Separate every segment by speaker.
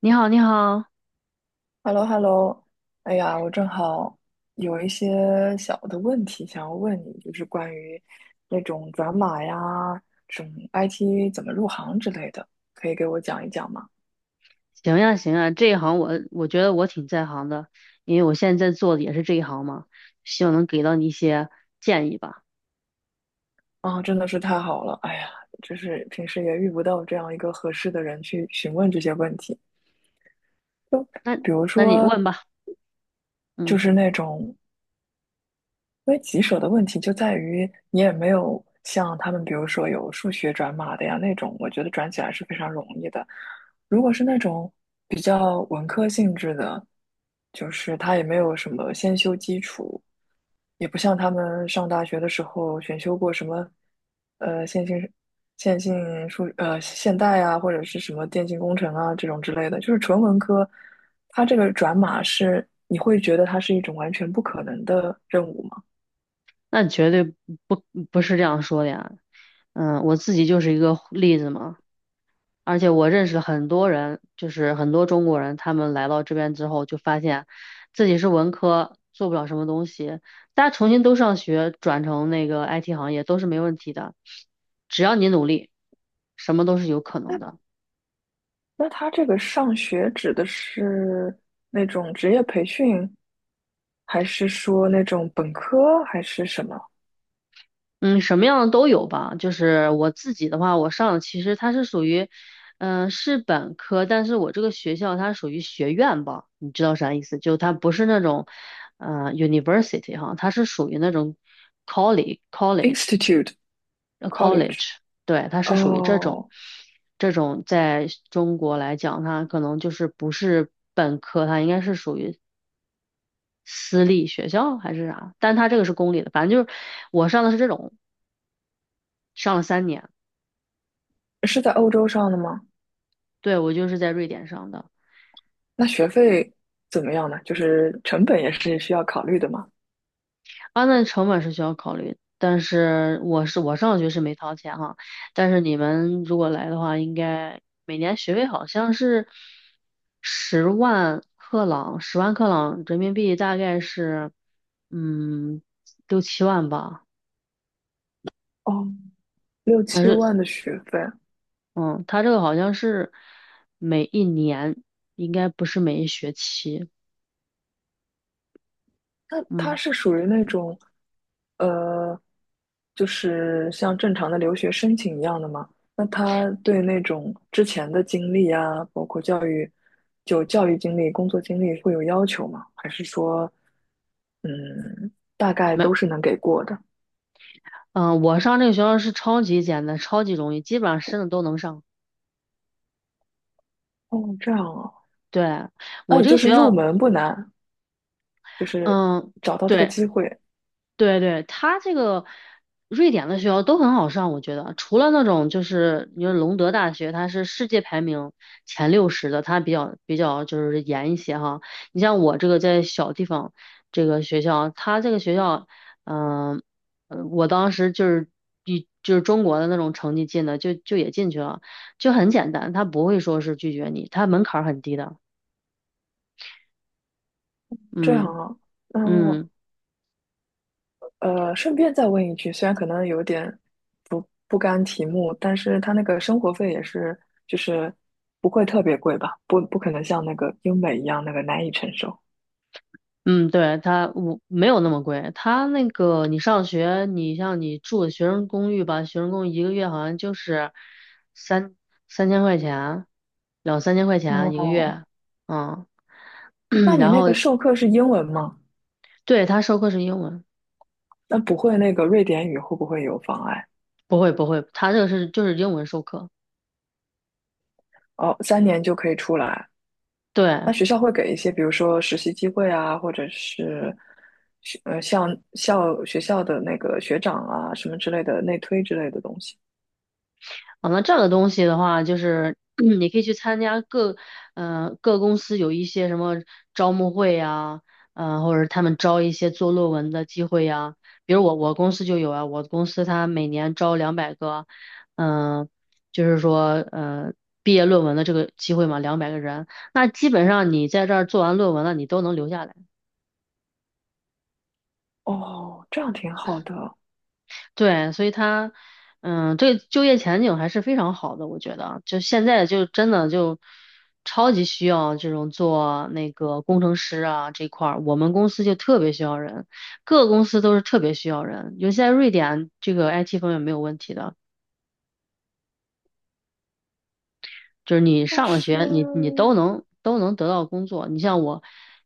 Speaker 1: 你好，你好，
Speaker 2: h e l l o h e l l o。 哎呀，我正好有一些小的问题想要问你，就是关于那种转码呀，什么 IT 怎么入行之类的，可以给我讲一讲吗？
Speaker 1: 行呀，行呀，这一行我觉得我挺在行的，因为我现在在做的也是这一行嘛，希望能给到你一些建议吧。
Speaker 2: 啊，真的是太好了，哎呀，就是平时也遇不到这样一个合适的人去询问这些问题，
Speaker 1: 那
Speaker 2: 比如
Speaker 1: 那你
Speaker 2: 说
Speaker 1: 问吧，
Speaker 2: 就
Speaker 1: 嗯，
Speaker 2: 是那种因为棘手的问题就在于你也没有像他们，比如说有数学转码的呀那种，我觉得转起来是非常容易的。如果是那种比较文科性质的，就是他也没有什么先修基础，也不像他们上大学的时候选修过什么，呃，线性线性现代啊，或者是什么电信工程啊这种之类的，就是纯文科，它这个转码是你会觉得它是一种完全不可能的任务吗？
Speaker 1: 那绝对不不是这样说的呀，嗯，我自己就是一个例子嘛，而且我认识很多人，就是很多中国人，他们来到这边之后，就发现自己是文科，做不了什么东西。大家重新都上学，转成那个 IT 行业都是没问题的，只要你努力，什么都是有可能的。
Speaker 2: 那他这个上学指的是那种职业培训，还是说那种本科，还是什么
Speaker 1: 嗯，什么样的都有吧。就是我自己的话，我上的其实它是属于，是本科，但是我这个学校它属于学院吧，你知道啥意思？就它不是那种，university 哈，它是属于那种 college
Speaker 2: institute college？
Speaker 1: college，对，它是属于这种，
Speaker 2: 哦，
Speaker 1: 这种在中国来讲，它可能就是不是本科，它应该是属于私立学校还是啥？但它这个是公立的，反正就是我上的是这种，上了3年。
Speaker 2: 是在欧洲上的吗？
Speaker 1: 对，我就是在瑞典上的。
Speaker 2: 那学费怎么样呢？就是成本也是需要考虑的嘛。
Speaker 1: 啊，那成本是需要考虑的，但是我是我上学是没掏钱哈，但是你们如果来的话，应该每年学费好像是十万克朗，十万克朗人民币大概是嗯六七万吧，
Speaker 2: 哦，六
Speaker 1: 但
Speaker 2: 七
Speaker 1: 是
Speaker 2: 万的学费，
Speaker 1: 嗯，他这个好像是每一年，应该不是每一学期，
Speaker 2: 那他
Speaker 1: 嗯，
Speaker 2: 是属于那种，呃，就是像正常的留学申请一样的吗？那他对那种之前的经历啊，包括教育，就教育经历、工作经历会有要求吗？还是说，嗯，大概
Speaker 1: 没，
Speaker 2: 都是能给过的？
Speaker 1: 嗯，我上这个学校是超级简单，超级容易，基本上申的都能上。
Speaker 2: 哦，这样啊，
Speaker 1: 对，
Speaker 2: 那
Speaker 1: 我
Speaker 2: 也
Speaker 1: 这
Speaker 2: 就
Speaker 1: 个学
Speaker 2: 是入
Speaker 1: 校，
Speaker 2: 门不难，就是
Speaker 1: 嗯，
Speaker 2: 找到这个
Speaker 1: 对
Speaker 2: 机会，
Speaker 1: 对对，他这个瑞典的学校都很好上，我觉得，除了那种就是你说隆德大学，它是世界排名前60的，它比较就是严一些哈。你像我这个在小地方这个学校，它这个学校，嗯，我当时就是比就是中国的那种成绩进的，就也进去了，就很简单，他不会说是拒绝你，他门槛儿很低的，
Speaker 2: 这样
Speaker 1: 嗯
Speaker 2: 啊，那
Speaker 1: 嗯。
Speaker 2: 顺便再问一句，虽然可能有点不甘题目，但是他那个生活费也是，就是不会特别贵吧？不可能像那个英美一样那个难以承受。
Speaker 1: 嗯，对，它我没有那么贵，它那个你上学，你像你住的学生公寓吧，学生公寓一个月好像就是三三千块钱，两三千块钱一个
Speaker 2: 哦，
Speaker 1: 月，嗯，
Speaker 2: 那 你
Speaker 1: 然
Speaker 2: 那
Speaker 1: 后
Speaker 2: 个授课是英文吗？
Speaker 1: 对，它授课是英文，
Speaker 2: 那不会那个瑞典语会不会有妨碍？
Speaker 1: 不会不会，它这个是就是英文授课，
Speaker 2: 哦，三年就可以出来。那
Speaker 1: 对。
Speaker 2: 学校会给一些，比如说实习机会啊，或者是像学校的那个学长啊什么之类的内推之类的东西。
Speaker 1: 啊，那这样的东西的话，就是 你可以去参加各，嗯，各公司有一些什么招募会呀，嗯，或者他们招一些做论文的机会呀。比如我公司就有啊，我公司它每年招两百个，嗯、就是说毕业论文的这个机会嘛，200个人。那基本上你在这儿做完论文了，你都能留下来。
Speaker 2: 哦，这样挺好的。
Speaker 1: 对，所以他，嗯，这个就业前景还是非常好的，我觉得，就现在就真的就超级需要这种做那个工程师啊这块儿，我们公司就特别需要人，各个公司都是特别需要人，尤其在瑞典，这个 IT 方面没有问题的，就是你
Speaker 2: 但
Speaker 1: 上了
Speaker 2: 是
Speaker 1: 学，你都能得到工作。你像我，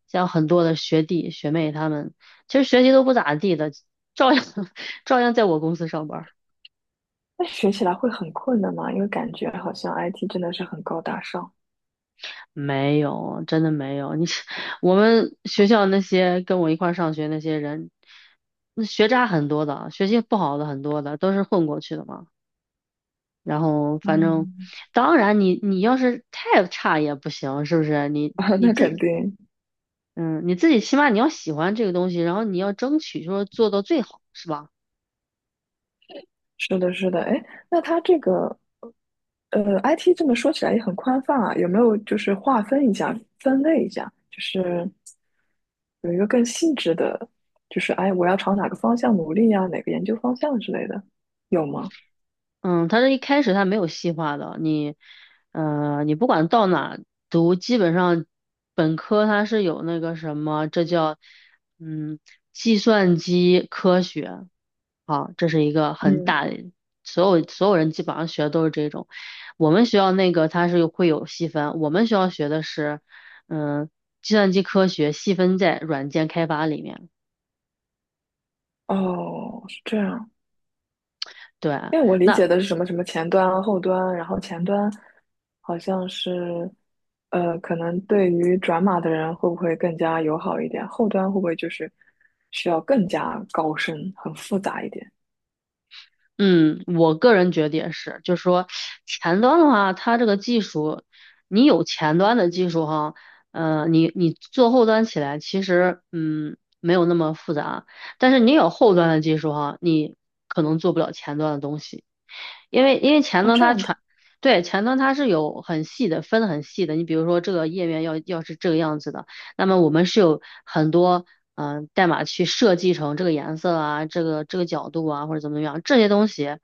Speaker 1: 像很多的学弟学妹他们，其实学习都不咋地的，照样 照样在我公司上班。
Speaker 2: 那学起来会很困难嘛，因为感觉好像 IT 真的是很高大上。
Speaker 1: 没有，真的没有。你是我们学校那些跟我一块儿上学那些人，那学渣很多的，学习不好的很多的，都是混过去的嘛。然后反正，
Speaker 2: 嗯，
Speaker 1: 当然你要是太差也不行，是不是？
Speaker 2: 啊，那肯定
Speaker 1: 你自己起码你要喜欢这个东西，然后你要争取说做到最好，是吧？
Speaker 2: 是的，是的。哎，那它这个IT 这么说起来也很宽泛啊，有没有就是划分一下、分类一下，就是有一个更细致的，就是哎，我要朝哪个方向努力呀、哪个研究方向之类的，有吗？
Speaker 1: 嗯，他这一开始他没有细化的，你，你不管到哪读，基本上本科它是有那个什么，这叫，嗯，计算机科学，好，这是一个很
Speaker 2: 嗯，
Speaker 1: 大的，所有人基本上学的都是这种。我们学校那个它是有会有细分，我们学校学的是，嗯，计算机科学细分在软件开发里面，
Speaker 2: 哦，是这样。
Speaker 1: 对啊。
Speaker 2: 因为我理解
Speaker 1: 那
Speaker 2: 的是什么什么前端啊、后端啊，然后前端好像是，可能对于转码的人会不会更加友好一点？后端会不会就是需要更加高深、很复杂一点？
Speaker 1: 嗯，我个人觉得也是，就是说前端的话，它这个技术，你有前端的技术哈，你做后端起来，其实没有那么复杂，但是你有后端的技术哈，你可能做不了前端的东西，因为前
Speaker 2: 哦，
Speaker 1: 端
Speaker 2: 这
Speaker 1: 它
Speaker 2: 样的，
Speaker 1: 传，对，前端它是有很细的，分得很细的，你比如说这个页面要是这个样子的。那么我们是有很多代码去设计成这个颜色啊，这个这个角度啊，或者怎么样这些东西，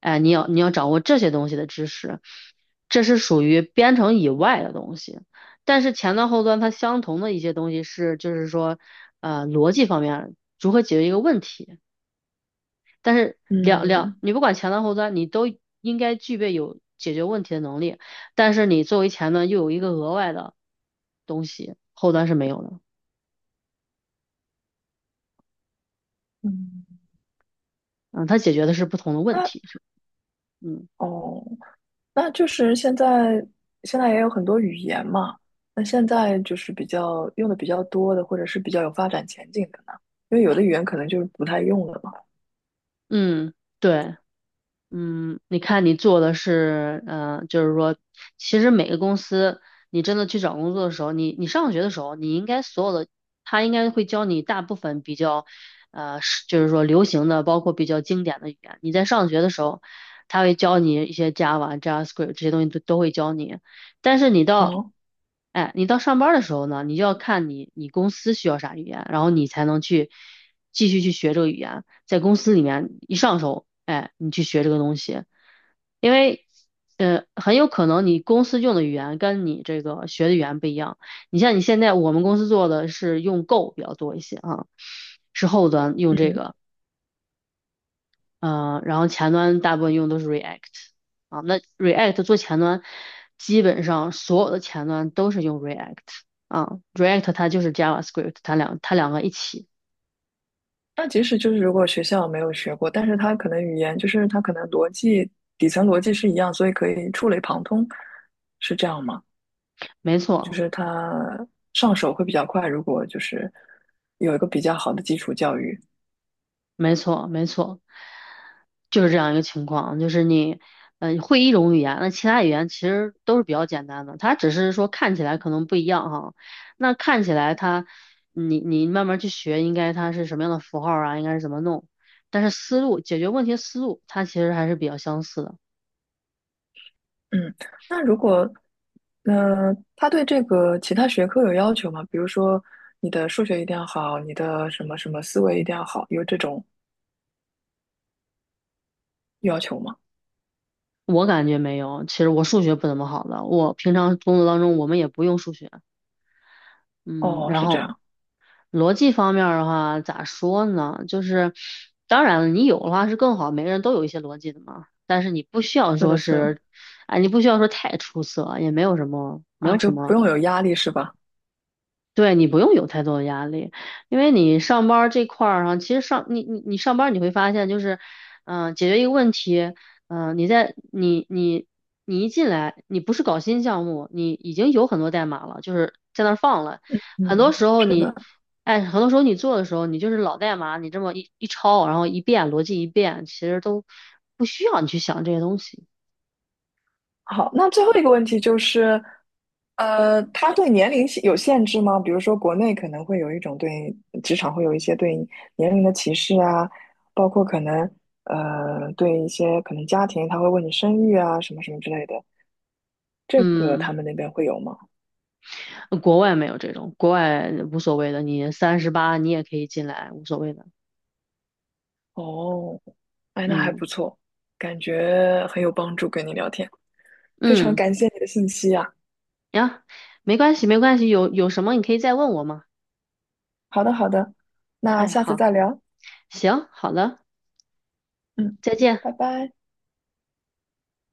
Speaker 1: 哎，你要掌握这些东西的知识，这是属于编程以外的东西。但是前端后端它相同的一些东西是，就是说，逻辑方面如何解决一个问题。但是
Speaker 2: 嗯
Speaker 1: 你不管前端后端，你都应该具备有解决问题的能力。但是你作为前端又有一个额外的东西，后端是没有的。
Speaker 2: 嗯，
Speaker 1: 嗯，它解决的是不同的问
Speaker 2: 那
Speaker 1: 题，是，嗯
Speaker 2: 哦，那就是现在也有很多语言嘛，那现在就是比较用的比较多的，或者是比较有发展前景的呢，因为有的语言可能就是不太用了嘛。
Speaker 1: 嗯，对，嗯，你看你做的是，就是说，其实每个公司，你真的去找工作的时候，你上学的时候，你应该所有的，他应该会教你大部分比较，是就是说流行的，包括比较经典的语言。你在上学的时候，他会教你一些 Java、JavaScript 这些东西都会教你，但是你到
Speaker 2: 哦，
Speaker 1: 哎，你到上班儿的时候呢，你就要看你公司需要啥语言，然后你才能去继续去学这个语言，在公司里面一上手，哎，你去学这个东西，因为很有可能你公司用的语言跟你这个学的语言不一样。你像你现在我们公司做的是用 Go 比较多一些啊，是后端用这
Speaker 2: 嗯，
Speaker 1: 个，然后前端大部分用都是 React 啊。那 React 做前端，基本上所有的前端都是用 React 啊，React 它就是 JavaScript，它两个一起，
Speaker 2: 那即使就是如果学校没有学过，但是他可能语言就是他可能逻辑底层逻辑是一样，所以可以触类旁通，是这样吗？
Speaker 1: 没
Speaker 2: 就
Speaker 1: 错。
Speaker 2: 是他上手会比较快，如果就是有一个比较好的基础教育。
Speaker 1: 没错，没错，就是这样一个情况，就是你，会一种语言，那其他语言其实都是比较简单的，它只是说看起来可能不一样哈。那看起来它，你你慢慢去学，应该它是什么样的符号啊，应该是怎么弄，但是思路解决问题思路，它其实还是比较相似的。
Speaker 2: 嗯，那如果他对这个其他学科有要求吗？比如说你的数学一定要好，你的什么什么思维一定要好，有这种要求吗？
Speaker 1: 我感觉没有，其实我数学不怎么好的，我平常工作当中我们也不用数学，嗯，
Speaker 2: 哦，
Speaker 1: 然
Speaker 2: 是这
Speaker 1: 后
Speaker 2: 样，
Speaker 1: 逻辑方面儿的话，咋说呢？就是当然了，你有的话是更好，每个人都有一些逻辑的嘛。但是你不需要
Speaker 2: 是
Speaker 1: 说
Speaker 2: 的，是的
Speaker 1: 是，哎，你不需要说太出色，也没有什么，没
Speaker 2: 啊，
Speaker 1: 有
Speaker 2: 就
Speaker 1: 什
Speaker 2: 不
Speaker 1: 么
Speaker 2: 用有压力是吧？
Speaker 1: 对你不用有太多的压力，因为你上班儿这块儿上，其实上你上班儿你会发现就是，解决一个问题，你在你你一进来，你不是搞新项目，你已经有很多代码了，就是在那儿放了，很多
Speaker 2: 嗯，
Speaker 1: 时候
Speaker 2: 是
Speaker 1: 你，
Speaker 2: 的。
Speaker 1: 哎，很多时候你做的时候，你就是老代码，你这么一抄，然后一遍逻辑一遍，其实都不需要你去想这些东西。
Speaker 2: 好，那最后一个问题就是，他对年龄限有限制吗？比如说，国内可能会有一种对职场会有一些对年龄的歧视啊，包括可能对一些可能家庭他会问你生育啊什么什么之类的，这个
Speaker 1: 嗯，
Speaker 2: 他们那边会有吗？
Speaker 1: 国外没有这种，国外无所谓的，你38你也可以进来，无所谓的。
Speaker 2: 哦，哎，那还
Speaker 1: 嗯
Speaker 2: 不错，感觉很有帮助，跟你聊天，非常
Speaker 1: 嗯，
Speaker 2: 感谢你的信息啊。
Speaker 1: 呀，没关系没关系，有什么你可以再问我嘛。
Speaker 2: 好的，好的，那
Speaker 1: 哎，
Speaker 2: 下次
Speaker 1: 好，
Speaker 2: 再聊，
Speaker 1: 行，好了，
Speaker 2: 嗯，
Speaker 1: 再见。
Speaker 2: 拜拜。